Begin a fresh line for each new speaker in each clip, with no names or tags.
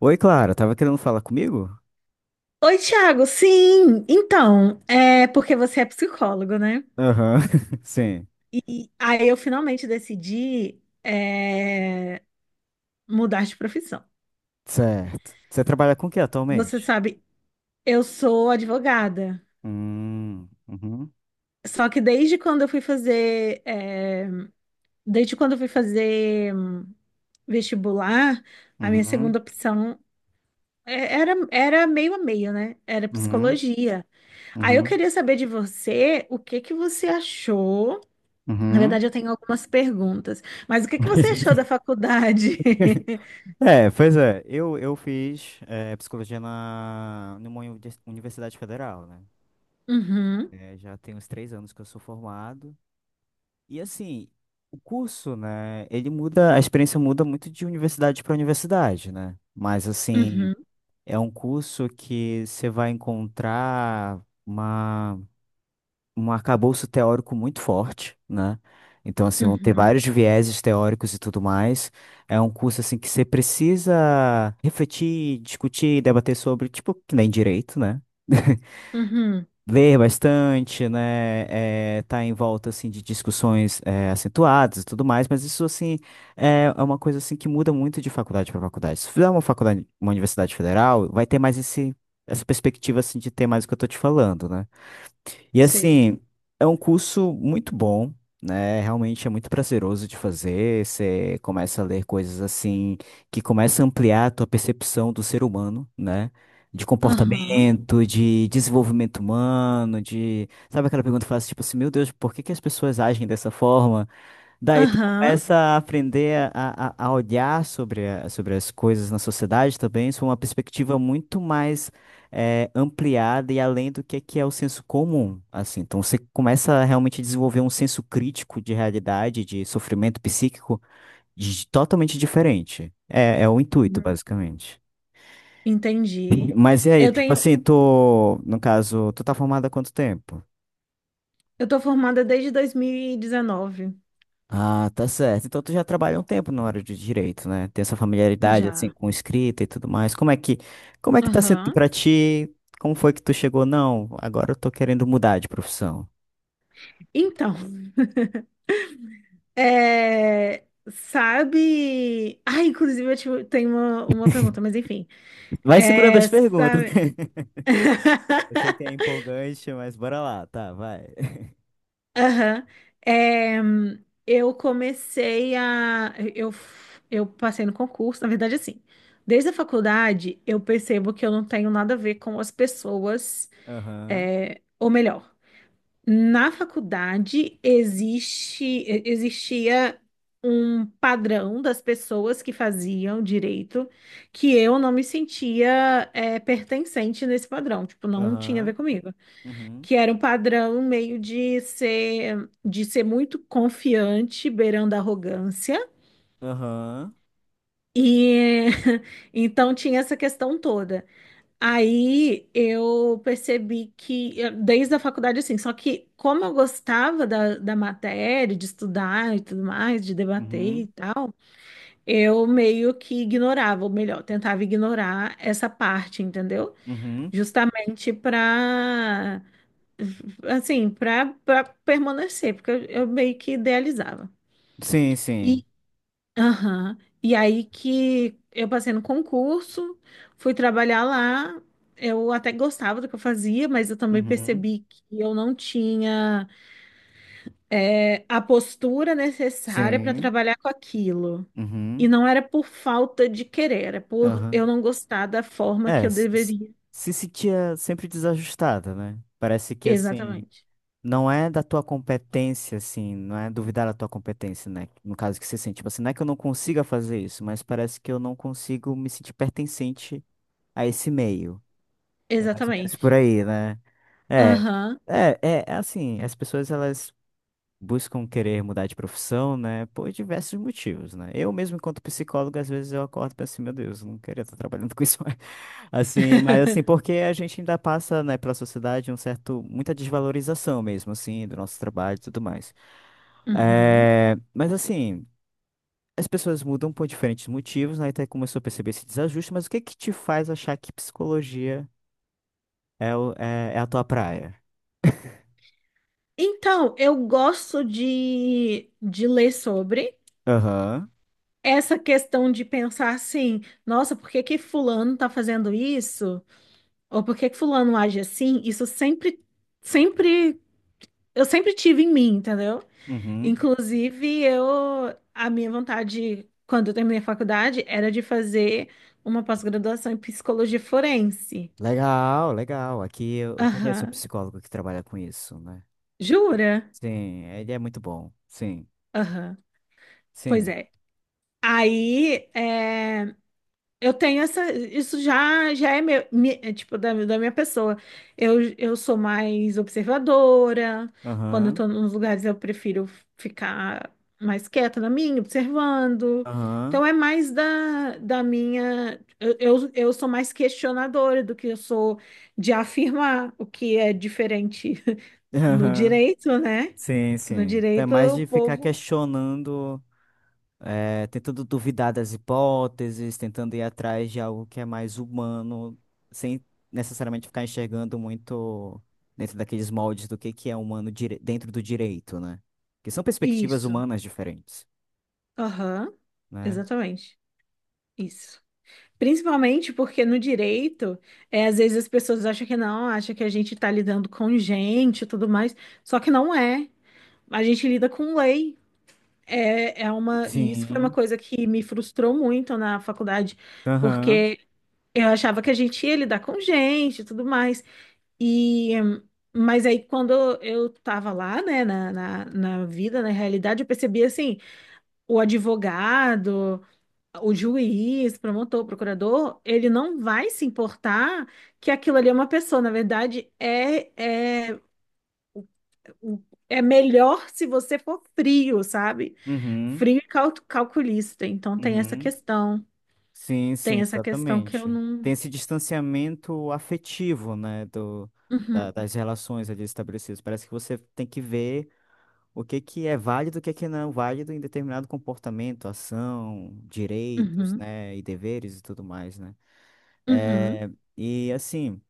Oi, Clara, tava querendo falar comigo?
Oi, Thiago. Sim, então, é porque você é psicólogo, né?
Aham, sim.
E aí eu finalmente decidi é, mudar de profissão.
Certo. Você trabalha com o que
Você
atualmente?
sabe, eu sou advogada.
Uhum,
Só que desde quando eu fui fazer vestibular, a minha
uhum,
segunda opção era meio a meio, né? Era
uhum,
psicologia. Aí eu
uhum,
queria saber de você, o que que você achou? Na
uhum.
verdade, eu tenho algumas perguntas. Mas o que que você achou da faculdade?
É, pois é, eu fiz psicologia numa universidade federal, né?
Uhum,
Já tem uns 3 anos que eu sou formado. E assim, o curso, né, ele muda, a experiência muda muito de universidade para universidade, né? Mas assim.
uhum,
É um curso que você vai encontrar um arcabouço teórico muito forte, né? Então, assim, vão ter
uhum,
vários vieses teóricos e tudo mais. É um curso, assim, que você precisa refletir, discutir, debater sobre, tipo, que nem direito, né?
uhum.
Ler bastante, né? É, tá em volta assim de discussões acentuadas e tudo mais, mas isso assim é uma coisa assim que muda muito de faculdade para faculdade. Se fizer uma faculdade, uma universidade federal, vai ter mais esse essa perspectiva assim de ter mais o que eu tô te falando, né? E
Sei.
assim, é um curso muito bom, né? Realmente é muito prazeroso de fazer. Você começa a ler coisas assim que começa a ampliar a tua percepção do ser humano, né? De
Aham,
comportamento, de desenvolvimento humano, de... Sabe aquela pergunta que faz, tipo assim, meu Deus, por que que as pessoas agem dessa forma? Daí tu
aham.
começa a aprender a olhar sobre, sobre as coisas na sociedade também, sob uma perspectiva muito mais ampliada e além do que é o senso comum, assim. Então você começa a realmente desenvolver um senso crítico de realidade, de sofrimento psíquico totalmente diferente. É, é o intuito,
Uhum.
basicamente.
Entendi.
Mas e aí,
Eu
tipo
tenho,
assim, tu, no caso, tu tá formada há quanto tempo?
eu tô formada desde 2019
Ah, tá certo. Então tu já trabalha um tempo na área de direito, né? Tem essa familiaridade assim
já.
com escrita e tudo mais. Como é que tá sendo
Aham.
pra ti? Como foi que tu chegou? Não, agora eu tô querendo mudar de profissão.
Então, é, sabe? Ah, inclusive eu tenho uma pergunta, mas enfim.
Vai segurando as
É,
perguntas.
sabe?
Eu sei que é empolgante, mas bora lá, tá, vai.
Aham. É, eu comecei a. Eu passei no concurso, na verdade, assim. Desde a faculdade, eu percebo que eu não tenho nada a ver com as pessoas,
Aham.
ou melhor, na faculdade existe, existia um padrão das pessoas que faziam direito que eu não me sentia, pertencente nesse padrão, tipo, não tinha a ver
Aham.
comigo,
Uhum.
que era um padrão meio de ser muito confiante, beirando a arrogância.
Aham.
E então tinha essa questão toda. Aí eu percebi que, desde a faculdade, assim, só que como eu gostava da matéria, de estudar e tudo mais, de debater
Uhum.
e tal, eu meio que ignorava, ou melhor, tentava ignorar essa parte, entendeu?
Uhum.
Justamente para assim, para permanecer, porque eu meio que idealizava.
Sim, sim.
E, aham, e aí que eu passei no concurso, fui trabalhar lá. Eu até gostava do que eu fazia, mas eu também
Uhum.
percebi que eu não tinha a postura necessária para
Sim.
trabalhar com aquilo. E
Uhum.
não era por falta de querer, era por eu
Aham.
não gostar da forma que
É,
eu
se se-
deveria.
se sentia sempre desajustada, né? Parece que assim,
Exatamente.
não é da tua competência, assim, não é duvidar da tua competência, né? No caso que você sente, tipo assim, não é que eu não consiga fazer isso, mas parece que eu não consigo me sentir pertencente a esse meio. É mais ou menos por
Exatamente.
aí, né? É,
Aham.
é assim, as pessoas elas buscam querer mudar de profissão, né, por diversos motivos, né? Eu mesmo, enquanto psicólogo, às vezes eu acordo e penso assim, meu Deus, eu não queria estar trabalhando com isso, mais." assim, mas assim, porque a gente ainda passa, né, pela sociedade um certo, muita desvalorização mesmo, assim, do nosso trabalho e tudo mais.
Uhum.
É, mas assim, as pessoas mudam por diferentes motivos, né, até começou a perceber esse desajuste, mas o que que te faz achar que psicologia é a tua praia?
Então, eu gosto de ler sobre
Aham.
essa questão de pensar assim, nossa, por que que fulano tá fazendo isso? Ou por que que fulano age assim? Isso sempre, sempre, eu sempre tive em mim, entendeu?
Uhum.
Inclusive, a minha vontade, quando eu terminei a faculdade, era de fazer uma pós-graduação em psicologia forense.
Legal, legal. Aqui eu conheço um
Aham.
psicólogo que trabalha com isso, né?
Jura?
Sim, ele é muito bom. Sim,
Aham. Pois
sim.
é. Aí, é. Eu tenho essa, isso já já é meu, tipo da minha pessoa. Eu sou mais observadora. Quando eu
Aham,
tô nos lugares, eu prefiro ficar mais quieta na minha, observando.
aham,
Então é mais da minha. Eu sou mais questionadora do que eu sou de afirmar, o que é diferente no
aham.
direito, né?
Sim,
Que no
sim. Então, é
direito
mais
o
de ficar
povo.
questionando, tentando duvidar das hipóteses, tentando ir atrás de algo que é mais humano, sem necessariamente ficar enxergando muito dentro daqueles moldes do que é humano dentro do direito, né? Que são perspectivas
Isso.
humanas diferentes,
Aham.
né?
Exatamente. Isso. Principalmente porque no direito, às vezes as pessoas acham que não, acham que a gente está lidando com gente e tudo mais, só que não é. A gente lida com lei. E isso foi uma
Sim.
coisa que me frustrou muito na faculdade,
Aham.
porque eu achava que a gente ia lidar com gente e tudo mais. E, mas aí quando eu estava lá, né, na vida, na realidade, eu percebi assim, o advogado, o juiz, promotor, procurador, ele não vai se importar que aquilo ali é uma pessoa. Na verdade, é melhor se você for frio, sabe?
Uhum,
Frio e calculista. Então tem essa
uhum.
questão.
Sim,
Tem
sim,
essa questão que eu
exatamente.
não.
Tem esse distanciamento afetivo, né,
Uhum,
das relações ali estabelecidas. Parece que você tem que ver o que que é válido, o que que não é válido em determinado comportamento, ação, direitos,
uhum,
né, e deveres e tudo mais, né?
uhum.
É, e assim,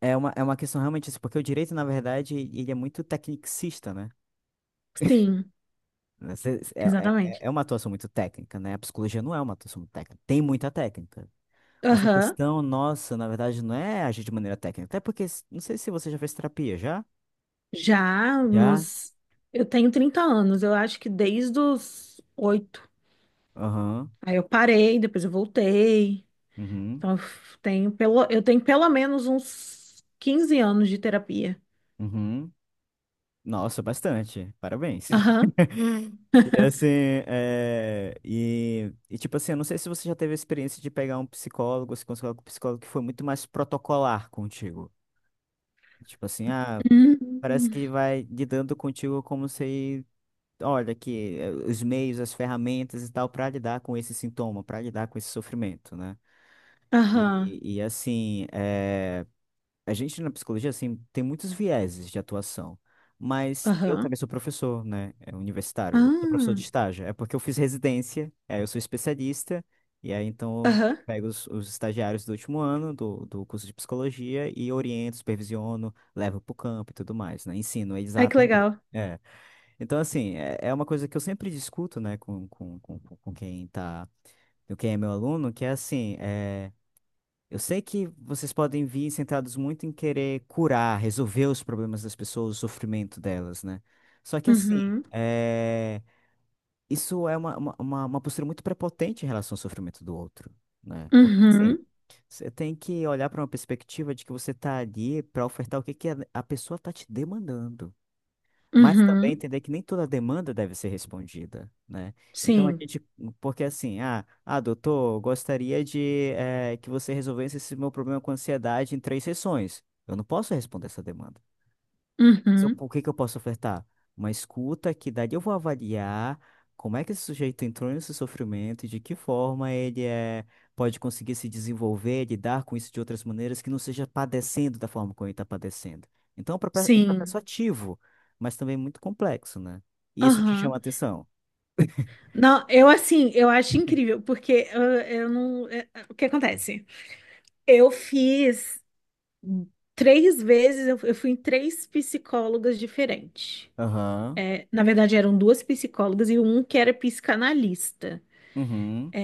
é uma questão realmente isso, porque o direito, na verdade, ele é muito tecnicista, né?
Sim,
Você- É,
exatamente.
é uma atuação muito técnica, né? A psicologia não é uma atuação muito técnica. Tem muita técnica. Mas a
Aham.
questão nossa, na verdade, não é agir de maneira técnica. Até porque, não sei se você já fez terapia, já?
Já
Já?
uns. Eu tenho 30 anos, eu acho que desde os oito.
Aham.
Aí eu parei, depois eu voltei.
Uhum.
Então, eu f- tenho pelo, eu tenho pelo menos uns 15 anos de terapia.
Uhum. Nossa, bastante. Parabéns.
Aham.
E assim, é... e tipo assim, eu não sei se você já teve a experiência de pegar um psicólogo, se consultar com um psicólogo que foi muito mais protocolar contigo. Tipo assim, ah, parece
Hum.
que vai lidando contigo como se, olha, aqui, os meios, as ferramentas e tal, para lidar com esse sintoma, para lidar com esse sofrimento, né?
Aham.
Assim, a gente na psicologia assim, tem muitos vieses de atuação, mas eu
Aham.
também sou professor, né? É universitário, eu sou professor
Ah.
de estágio. É porque eu fiz residência, aí eu sou especialista, e aí então eu
Aham.
pego os estagiários do último ano do curso de psicologia e oriento, supervisiono, levo para o campo e tudo mais, né? Ensino eles a
Ai, que
atender.
legal.
É. Então, assim, é, é uma coisa que eu sempre discuto, né, com quem tá, com quem é meu aluno, que é assim. É eu sei que vocês podem vir centrados muito em querer curar, resolver os problemas das pessoas, o sofrimento delas, né? Só que assim,
Uhum.
é, isso é uma postura muito prepotente em relação ao sofrimento do outro, né? Porque assim,
Uhum.
você tem que olhar para uma perspectiva de que você tá ali para ofertar o que que a pessoa tá te demandando mas também
Uhum.
entender que nem toda demanda deve ser respondida, né? Então a
Sim.
gente, porque assim, ah, ah, doutor, eu gostaria de que você resolvesse esse meu problema com ansiedade em 3 sessões. Eu não posso responder essa demanda se
Uhum.
o que que eu posso ofertar? Uma escuta que daí eu vou avaliar como é que esse sujeito entrou nesse sofrimento e de que forma ele é, pode conseguir se desenvolver, lidar com isso de outras maneiras que não seja padecendo da forma como ele está padecendo. Então, é um processo
Sim.
ativo, mas também muito complexo, né? E isso te chama
Aham.
a atenção.
Não, eu assim, eu acho incrível, porque eu não. O que acontece? Eu fiz três vezes, eu fui em três psicólogas diferentes.
Aham.
Na verdade, eram duas psicólogas e um que era psicanalista.
Uhum.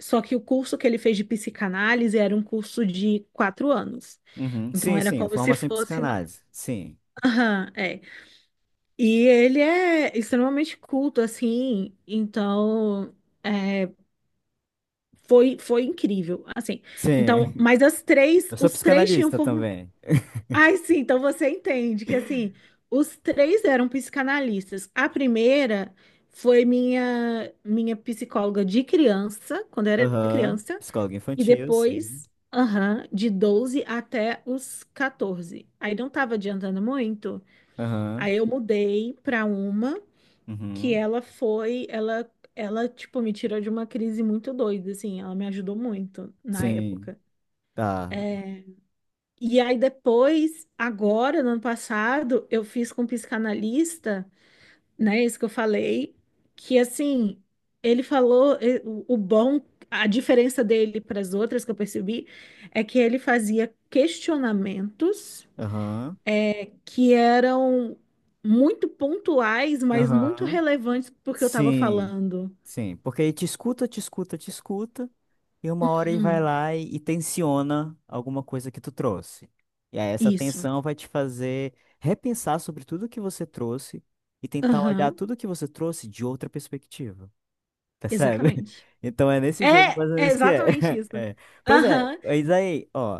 Só que o curso que ele fez de psicanálise era um curso de 4 anos.
Uhum.
Então,
Sim,
era
sim, a
como se
formação em
fosse uma.
psicanálise. Sim.
Aham, é. E ele é extremamente culto, assim. Então, é, foi incrível. Assim, então,
Sim.
mas as três,
Eu sou
os três tinham
psicanalista
formação.
também.
Ai, sim, então você entende que assim, os três eram psicanalistas. A primeira foi minha psicóloga de criança, quando eu era
Aham.
criança,
Psicólogo
e
infantil, sim.
depois, aham, de 12 até os 14. Aí não tava adiantando muito.
Aham.
Aí eu mudei para uma que
Uhum.
ela foi, ela tipo me tirou de uma crise muito doida, assim, ela me ajudou muito na
Sim,
época.
tá.
E aí depois, agora, no ano passado, eu fiz com um psicanalista, né, isso que eu falei, que assim, ele falou, o bom, a diferença dele para as outras que eu percebi, é que ele fazia questionamentos
Aham.
que eram muito pontuais, mas muito
Aham.
relevantes porque eu estava
Sim,
falando.
sim. Porque ele te escuta, te escuta, te escuta, e uma hora ele vai
Uhum.
lá e tensiona alguma coisa que tu trouxe. E aí essa
Isso.
tensão vai te fazer repensar sobre tudo que você trouxe e tentar olhar
Aham,
tudo que você trouxe de outra perspectiva. Percebe?
exatamente.
Então é nesse jogo
É,
mais ou
é
menos que é.
exatamente isso.
É. Pois é,
Aham.
mas aí, ó,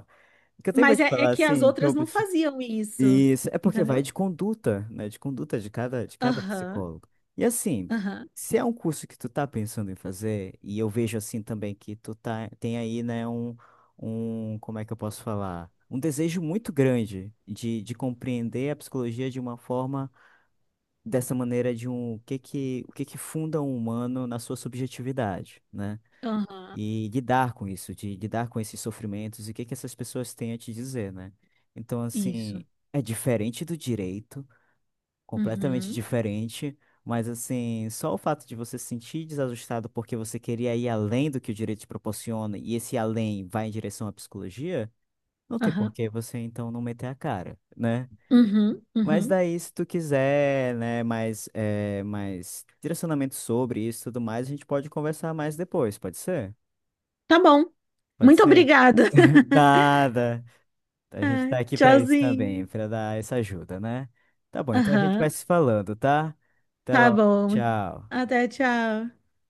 o que eu tenho pra
Mas
te
é
falar,
que as
assim, que
outras
eu,
não faziam isso,
isso, é porque vai
entendeu?
de conduta, né? De conduta de cada
Aham,
psicólogo. E assim,
aham,
se é um curso que tu tá pensando em fazer, e eu vejo assim também que tu tá, tem aí, né, como é que eu posso falar? Um desejo muito grande de compreender a psicologia de uma forma, dessa maneira de um, o que que funda um humano na sua subjetividade, né?
aham,
E lidar com isso, de lidar com esses sofrimentos e o que que essas pessoas têm a te dizer, né? Então, assim,
isso.
é diferente do direito, completamente
Uhum,
diferente, mas assim, só o fato de você se sentir desajustado porque você queria ir além do que o direito te proporciona e esse além vai em direção à psicologia, não tem por
aham,
que você então não meter a cara, né?
uhum,
Mas
uhum.
daí, se tu quiser, né, mais, mais direcionamento sobre isso e tudo mais, a gente pode conversar mais depois, pode ser?
Tá bom.
Pode
Muito
ser?
obrigada.
Nada. A gente tá
Ai,
aqui pra isso também,
tchauzinho.
pra dar essa ajuda, né? Tá bom, então a gente
Aham,
vai se falando, tá? Até
tá
logo.
bom.
Tchau.
Até tchau.